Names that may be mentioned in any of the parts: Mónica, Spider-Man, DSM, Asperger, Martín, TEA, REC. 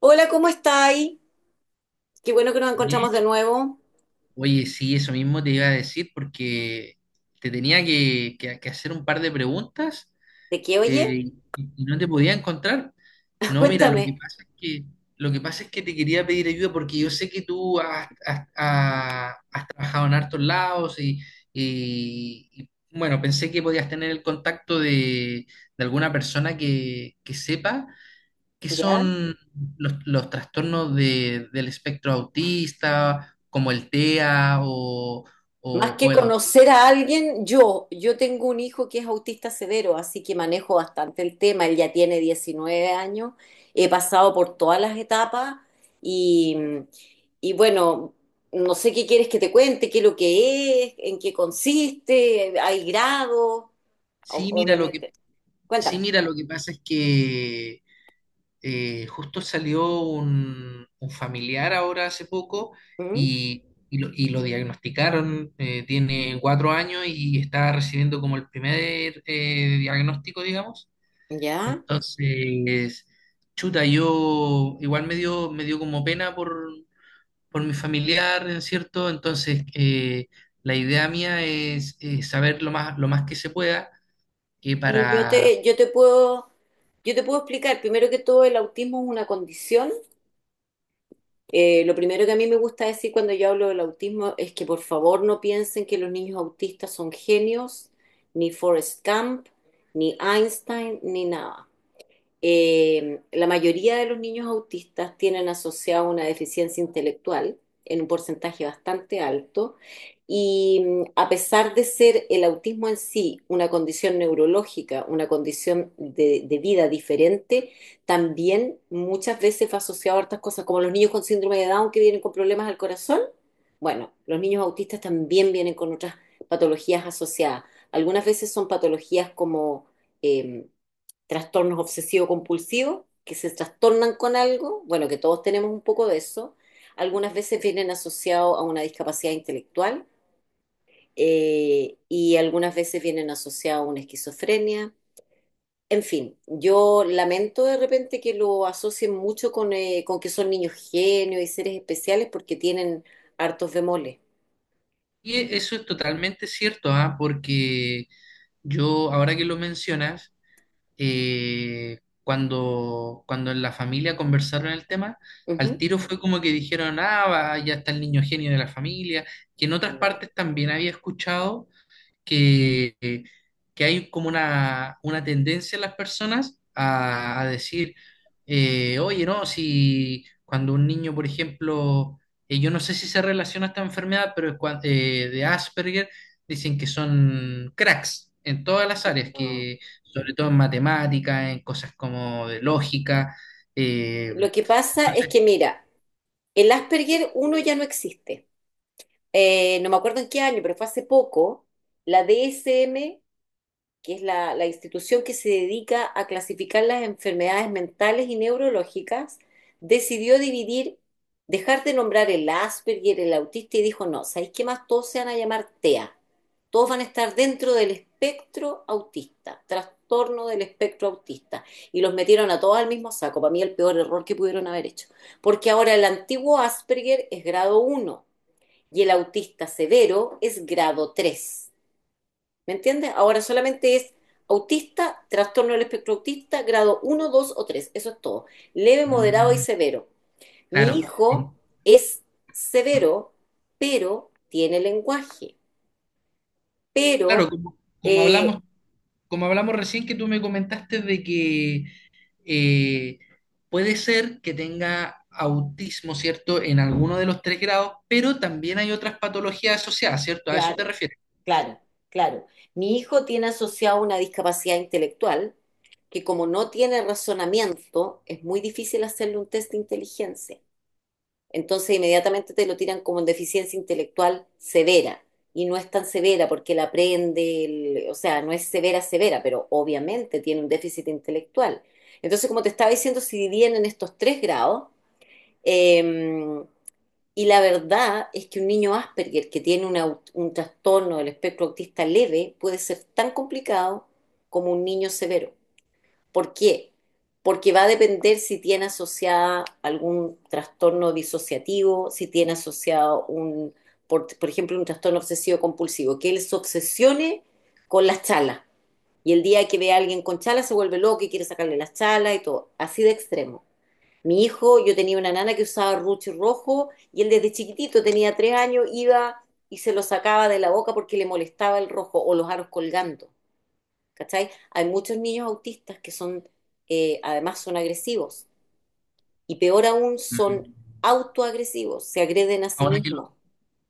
Hola, ¿cómo estáis? Qué bueno que nos encontramos de Bien, nuevo. oye, sí, eso mismo te iba a decir porque te tenía que hacer un par de preguntas ¿De qué, eh, oye? y no te podía encontrar. No, mira, Cuéntame. Lo que pasa es que te quería pedir ayuda porque yo sé que tú has, has- ha- has trabajado en hartos lados y bueno, pensé que podías tener el contacto de alguna persona que sepa que ¿Ya? son los trastornos del espectro autista, como el TEA o, Más o- o que el autismo. conocer a alguien, yo tengo un hijo que es autista severo, así que manejo bastante el tema. Él ya tiene 19 años, he pasado por todas las etapas y, y bueno, no sé qué quieres que te cuente, qué es lo que es, en qué consiste, hay grados, Sí, mira, lo que, obviamente. sí, Cuéntame. mira, lo que pasa es que justo salió un familiar ahora hace poco ¿Mm? y, y lo diagnosticaron. Tiene 4 años y está recibiendo como el primer diagnóstico, digamos. ¿Ya? Entonces, chuta, yo igual me dio como pena por mi familiar, ¿no es cierto? Entonces, la idea mía es, saber lo más que se pueda, que Y yo para. te, yo te puedo, yo te puedo explicar, primero que todo, el autismo es una condición. Lo primero que a mí me gusta decir cuando yo hablo del autismo es que por favor no piensen que los niños autistas son genios, ni Forrest Gump, ni Einstein, ni nada. La mayoría de los niños autistas tienen asociado una deficiencia intelectual en un porcentaje bastante alto y a pesar de ser el autismo en sí una condición neurológica, una condición de vida diferente, también muchas veces fue asociado a otras cosas, como los niños con síndrome de Down que vienen con problemas al corazón. Bueno, los niños autistas también vienen con otras patologías asociadas. Algunas veces son patologías como em, trastornos obsesivo-compulsivos, que se trastornan con algo, bueno, que todos tenemos un poco de eso. Algunas veces vienen asociados a una discapacidad intelectual y algunas veces vienen asociados a una esquizofrenia. En fin, yo lamento de repente que lo asocien mucho con que son niños genios y seres especiales porque tienen hartos bemoles. Eso es totalmente cierto, ¿ah? Porque yo, ahora que lo mencionas, cuando en la familia conversaron el tema, al Ujú. tiro fue como que dijeron, ah, va, ya está el niño genio de la familia, que en otras No, partes también había escuchado que, eh, que hay como una tendencia en las personas a decir, oye, no, si cuando un niño, por ejemplo, yo no sé si se relaciona esta enfermedad, pero de Asperger, dicen que son cracks en todas las áreas, no. que sobre todo en matemática, en cosas como de lógica. eh, Lo que pasa es entonces, que, mira, el Asperger uno ya no existe. No me acuerdo en qué año, pero fue hace poco, la DSM, que es la institución que se dedica a clasificar las enfermedades mentales y neurológicas, decidió dividir, dejar de nombrar el Asperger, el autista, y dijo, no, ¿sabéis qué más? Todos se van a llamar TEA. Todos van a estar dentro del espectro autista, trastorno del espectro autista. Y los metieron a todos al mismo saco. Para mí el peor error que pudieron haber hecho. Porque ahora el antiguo Asperger es grado uno y el autista severo es grado tres. ¿Me entiendes? Ahora solamente es autista, trastorno del espectro autista, grado uno, 2 o tres. Eso es todo. Leve, moderado y mm, severo. Mi claro, hijo es severo, pero tiene lenguaje. Pero claro, eh, como hablamos recién que tú me comentaste de que eh, puede ser que tenga autismo, ¿cierto? En alguno de los tres grados, pero también hay otras patologías asociadas, ¿cierto? A eso te claro, refieres. claro, claro. Mi hijo tiene asociado una discapacidad intelectual que como no tiene razonamiento, es muy difícil hacerle un test de inteligencia. Entonces inmediatamente te lo tiran como en deficiencia intelectual severa. Y no es tan severa porque la aprende, o sea, no es severa, severa, pero obviamente tiene un déficit intelectual. Entonces, como te estaba diciendo, se dividían en estos tres grados. eh, y la verdad es que un niño Asperger que tiene una un trastorno del espectro autista leve puede ser tan complicado como un niño severo. ¿Por qué? Porque va a depender si tiene asociada algún trastorno disociativo, si tiene asociado un, por ejemplo, un trastorno obsesivo compulsivo, que él se obsesione con las chalas. Y el día que ve a alguien con chalas se vuelve loco y quiere sacarle las chalas y todo. Así de extremo. Mi hijo, yo tenía una nana que usaba ruche rojo y él desde chiquitito, tenía 3 años, iba y se lo sacaba de la boca porque le molestaba el rojo o los aros colgando. ¿Cachai? Hay muchos niños autistas que son, además son agresivos y peor aún son Mm. autoagresivos, se agreden a sí Ahora que lo, mismos.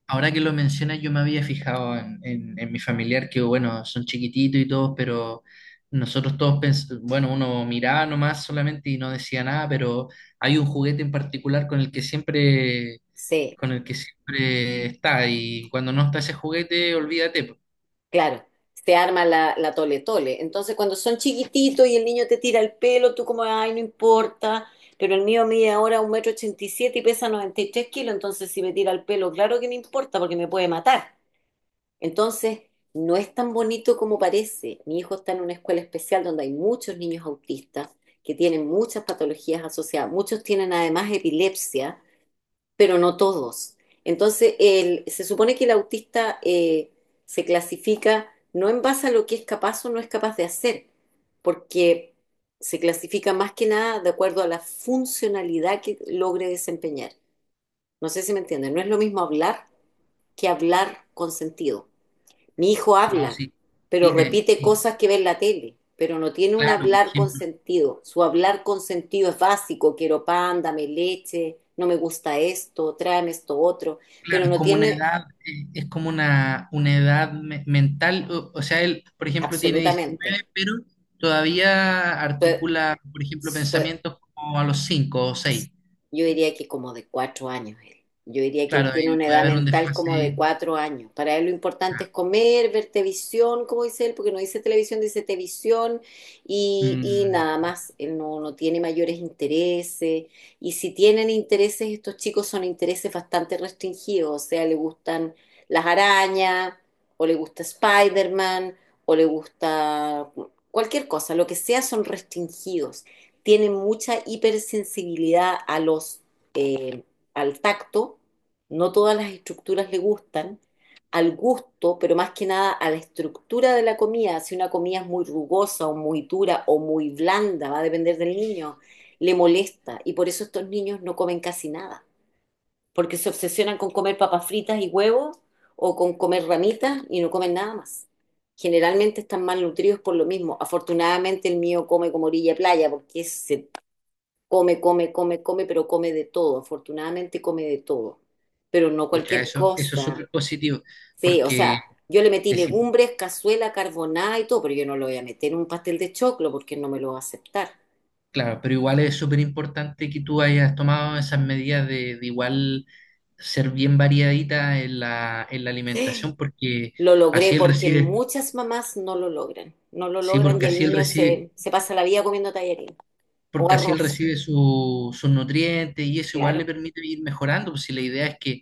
ahora que lo mencionas, yo me había fijado en mi familiar que, bueno, son chiquititos y todos, pero nosotros todos, bueno, uno miraba nomás solamente y no decía nada, pero hay un juguete en particular con el que siempre, Sí, con el que siempre está y cuando no está ese juguete, olvídate po. claro, se arma la tole tole. Entonces cuando son chiquititos y el niño te tira el pelo, tú como, ay, no importa, pero el mío mide ahora un metro ochenta y siete y pesa 93 kilos, entonces si me tira el pelo, claro que me importa porque me puede matar. Entonces, no es tan bonito como parece. Mi hijo está en una escuela especial donde hay muchos niños autistas que tienen muchas patologías asociadas. Muchos tienen además epilepsia, pero no todos. Entonces, se supone que el autista se clasifica no en base a lo que es capaz o no es capaz de hacer, porque se clasifica más que nada de acuerdo a la funcionalidad que logre desempeñar. No sé si me entienden, no es lo mismo hablar que hablar con sentido. Mi hijo No, habla, sí, pero sí, repite sí. cosas que ve en la tele, pero no tiene un Claro, por hablar con ejemplo, sentido. Su hablar con sentido es básico, quiero pan, dame leche, no me gusta esto, tráeme esto otro, claro, pero es no como una tiene edad. Eh, Es como una edad mental, o sea, él, por ejemplo, tiene 19, absolutamente. pero todavía articula, por ejemplo, Su- su- pensamientos como a los 5 o 6. Yo diría que como de 4 años él. Yo diría que él Claro, tiene ahí una puede edad haber un mental como desfase. de 4 años. Para él lo importante ah, es comer, ver televisión, como dice él, porque no dice televisión, dice televisión y nada mm, más. Él no, no tiene mayores intereses. Y si tienen intereses, estos chicos son intereses bastante restringidos. O sea, le gustan las arañas, o le gusta Spider-Man, o le gusta cualquier cosa. Lo que sea son restringidos tienen mucha hipersensibilidad a los, eh, al tacto, no todas las estructuras le gustan, al gusto, pero más que nada a la estructura de la comida. Si una comida es muy rugosa o muy dura o muy blanda, va a depender del niño, le molesta. Y por eso estos niños no comen casi nada, porque se obsesionan con comer papas fritas y huevos o con comer ramitas y no comen nada más. Generalmente están malnutridos por lo mismo. Afortunadamente el mío come como orilla de playa porque se come, come, come, come, pero come de todo. Afortunadamente come de todo, pero no Pucha, cualquier eso es cosa. súper positivo, Sí, o sea, porque yo le metí legumbres, cazuela, carbonada y todo, pero yo no lo voy a meter en un pastel de choclo porque no me lo va a aceptar. claro, pero igual es súper importante que tú hayas tomado esas medidas de igual ser bien variadita en la alimentación, porque Lo logré así él porque recibe, muchas mamás no lo logran, no lo sí, logran y el niño se pasa la vida comiendo tallarín o porque así él arroz, recibe sus nutrientes y eso igual le claro. permite ir mejorando. Pues si la idea es que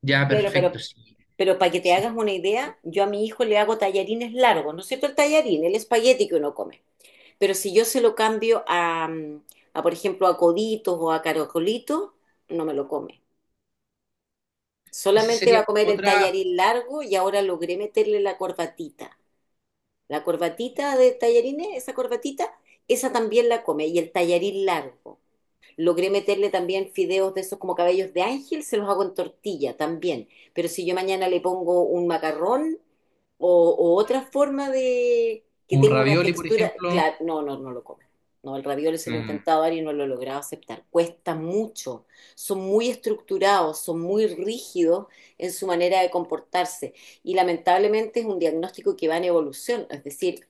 ya, Claro, perfecto, pero, sí, pero para que te sí. hagas una idea, yo a mi hijo le hago tallarines largos, ¿no es cierto? El tallarín, el espagueti que uno come. Pero si yo se lo cambio a, por ejemplo, a coditos o a caracolitos, no me lo come. Ese Solamente va sería a comer como el otra, tallarín largo y ahora logré meterle la corbatita. La corbatita de tallarines, esa corbatita, esa también la come. Y el tallarín largo. Logré meterle también fideos de esos como cabellos de ángel, se los hago en tortilla también. Pero si yo mañana le pongo un macarrón, o, o otra forma de que un tenga una ravioli, por textura, ejemplo. claro, no, no, no lo comen. No, el ravioli se lo he Mm, intentado dar y no lo he logrado aceptar. Cuesta mucho. Son muy estructurados, son muy rígidos en su manera de comportarse. Y lamentablemente es un diagnóstico que va en evolución. Es decir,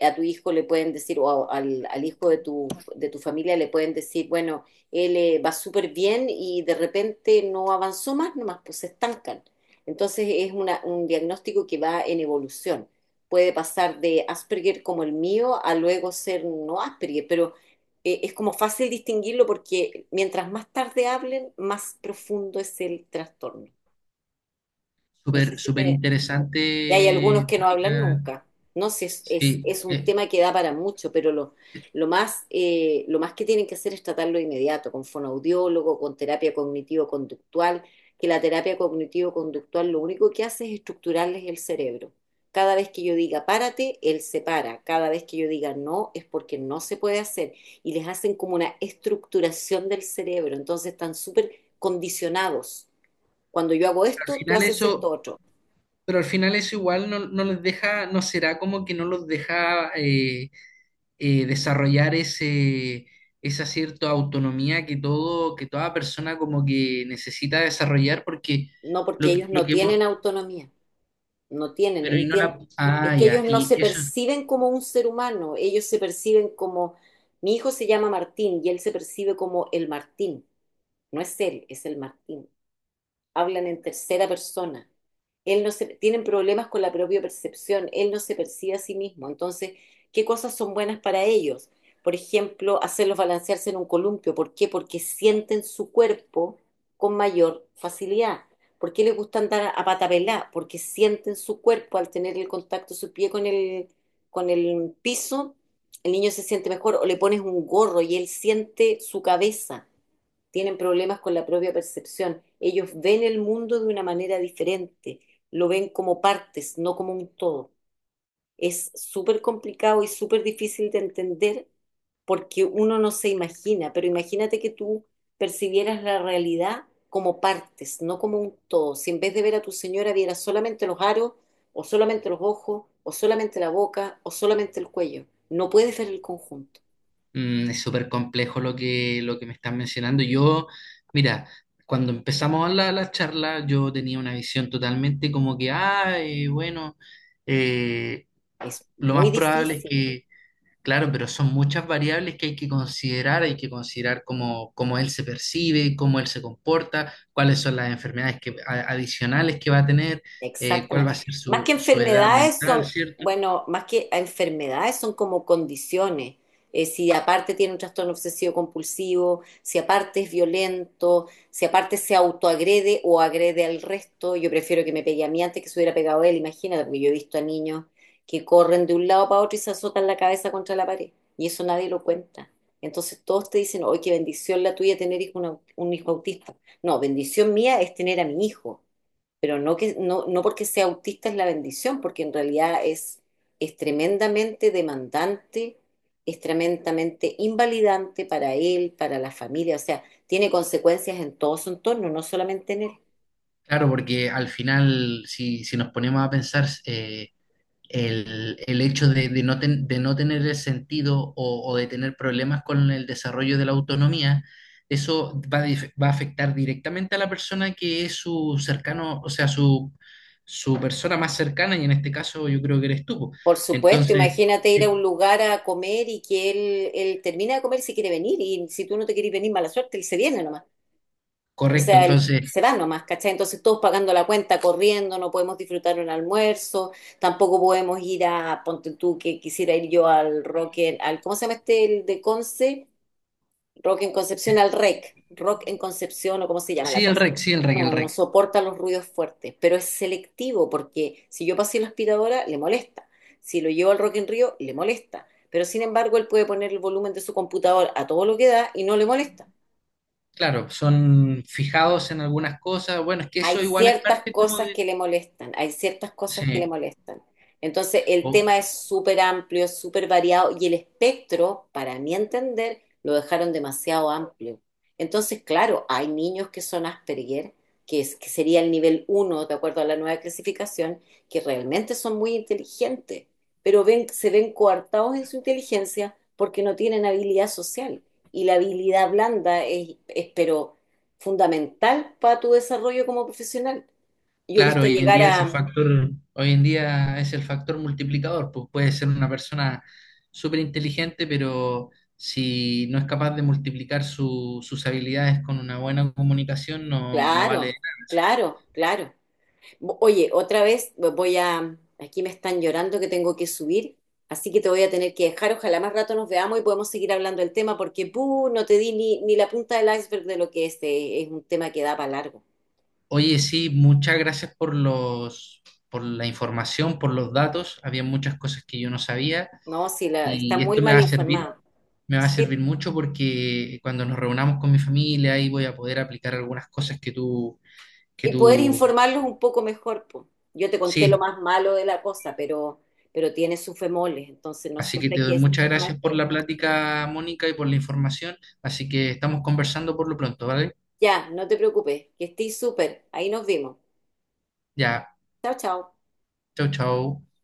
a tu hijo le pueden decir, o al hijo de tu familia le pueden decir, bueno, él va súper bien y de repente no avanzó más, nomás pues se estancan. Entonces es un diagnóstico que va en evolución. Puede pasar de Asperger como el mío a luego ser no Asperger, pero es como fácil distinguirlo porque mientras más tarde hablen, más profundo es el trastorno. No sé Súper, si súper te, y hay algunos interesante, que no hablan Mónica. nunca. No sé, Sí, es un tema que da para mucho, pero lo más que tienen que hacer es tratarlo de inmediato, con fonoaudiólogo, con terapia cognitivo-conductual, que la terapia cognitivo-conductual lo único que hace es estructurarles el cerebro. Cada vez que yo diga párate, él se para. Cada vez que yo diga no, es porque no se puede hacer. Y les hacen como una estructuración del cerebro. Entonces están súper condicionados. Cuando yo hago al esto, tú final haces esto eso. otro. Pero al final eso igual no, no les deja, no será como que no los deja desarrollar esa cierta autonomía que toda persona como que necesita desarrollar, porque No, porque ellos lo no que tienen hemos, autonomía, no tienen. pero y no la, Es ah, que ya, ellos no se y eso perciben como un ser humano, ellos se perciben como, mi hijo se llama Martín y él se percibe como el Martín, no es él, es el Martín hablan en tercera persona. Él no se, tienen problemas con la propia percepción, él no se percibe a sí mismo. Entonces, ¿qué cosas son buenas para ellos? Por ejemplo, hacerlos balancearse en un columpio. ¿Por qué? Porque sienten su cuerpo con mayor facilidad. ¿Por qué les gusta andar a patapelá? Porque sienten su cuerpo al tener el contacto, de su pie con el piso, el niño se siente mejor o le pones un gorro y él siente su cabeza tienen problemas con la propia percepción. Ellos ven el mundo de una manera diferente, lo ven como partes, no como un todo. Es súper complicado y súper difícil de entender porque uno no se imagina, pero imagínate que tú percibieras la realidad como partes, no como un todo. Si en vez de ver a tu señora vieras solamente los aros, o solamente los ojos, o solamente la boca, o solamente el cuello, no puedes ver el conjunto. Es súper complejo lo que me estás mencionando. Yo, mira, cuando empezamos la charla, yo tenía una visión totalmente como que, bueno, eh, Es lo muy más probable es difícil. que. Claro, pero son muchas variables que hay que considerar cómo él se percibe, cómo él se comporta, cuáles son las enfermedades adicionales que va a tener, cuál va a Exactamente. ser Más que su edad enfermedades mental, son, ¿cierto? bueno, más que enfermedades son como condiciones. Si aparte tiene un trastorno obsesivo compulsivo, si aparte es violento, si aparte se autoagrede o agrede al resto, yo prefiero que me pegue a mí antes que se hubiera pegado a él, imagínate, porque yo he visto a niños que corren de un lado para otro y se azotan la cabeza contra la pared, y eso nadie lo cuenta. Entonces todos te dicen, oye, qué bendición la tuya tener un hijo autista. No, bendición mía es tener a mi hijo pero no que no, no porque sea autista es la bendición, porque en realidad es tremendamente demandante, es tremendamente invalidante para él, para la familia, o sea, tiene consecuencias en todo su entorno, no solamente en él. Claro, porque al final, si nos ponemos a pensar, el hecho de no tener el sentido o de tener problemas con el desarrollo de la autonomía, eso va a afectar directamente a la persona que es su cercano, o sea, su persona más cercana, y en este caso yo creo que eres tú po. Por supuesto, Entonces, imagínate ir a eh, un lugar a comer y que él termina de comer si quiere venir, y si tú no te quieres venir, mala suerte, él se viene nomás. O correcto, sea, entonces, se van nomás, ¿cachai? Entonces todos pagando la cuenta, corriendo, no podemos disfrutar un almuerzo, tampoco podemos ir a, ponte tú que quisiera ir yo al rock, al, ¿cómo se llama este el de Conce? Rock en Concepción, al REC, rock en Concepción o cómo se llama la sí, el cosa. REC, sí, el REC, el No, no REC. soporta los ruidos fuertes, pero es selectivo porque si yo pasé la aspiradora, le molesta. Si lo llevo al Rock en Río, le molesta. Pero sin embargo, él puede poner el volumen de su computador a todo lo que da y no le molesta. Claro, son fijados en algunas cosas. Bueno, es que Hay eso igual es ciertas parte como cosas de. que le molestan, hay ciertas cosas que Sí. le molestan. Entonces, el O- tema es súper amplio, es súper variado y el espectro, para mi entender, lo dejaron demasiado amplio. Entonces, claro, hay niños que son Asperger, que, es, que sería el nivel uno, de acuerdo a la nueva clasificación, que realmente son muy inteligentes, pero ven, se ven coartados en su inteligencia porque no tienen habilidad social. Y la habilidad blanda pero fundamental para tu desarrollo como profesional. Yo he Claro, visto llegar a, hoy en día es el factor multiplicador, pues puede ser una persona súper inteligente, pero si no es capaz de multiplicar sus habilidades con una buena comunicación, no, no vale claro, nada eso. claro, claro. Oye, otra vez voy a, aquí me están llorando que tengo que subir, así que te voy a tener que dejar. Ojalá más rato nos veamos y podemos seguir hablando del tema porque, puh, no te di ni la punta del iceberg de lo que es un tema que da para largo. Oye, sí, muchas gracias por la información, por los datos. Había muchas cosas que yo no sabía No, si la, está y muy esto mal informado. me va a Sí, servir mucho porque cuando nos reunamos con mi familia ahí voy a poder aplicar algunas cosas que y poder tú, informarlos un poco mejor. Po. Yo te conté lo sí. más malo de la cosa, pero tiene sus femoles, entonces no Así que siempre hay te que doy muchas decir, "Ah, gracias por bien". la plática, Mónica, y por la información. Así que estamos conversando por lo pronto, ¿vale? Ya, no te preocupes, que estés súper, ahí nos vimos. Ya, Chao, chao. chau, chau.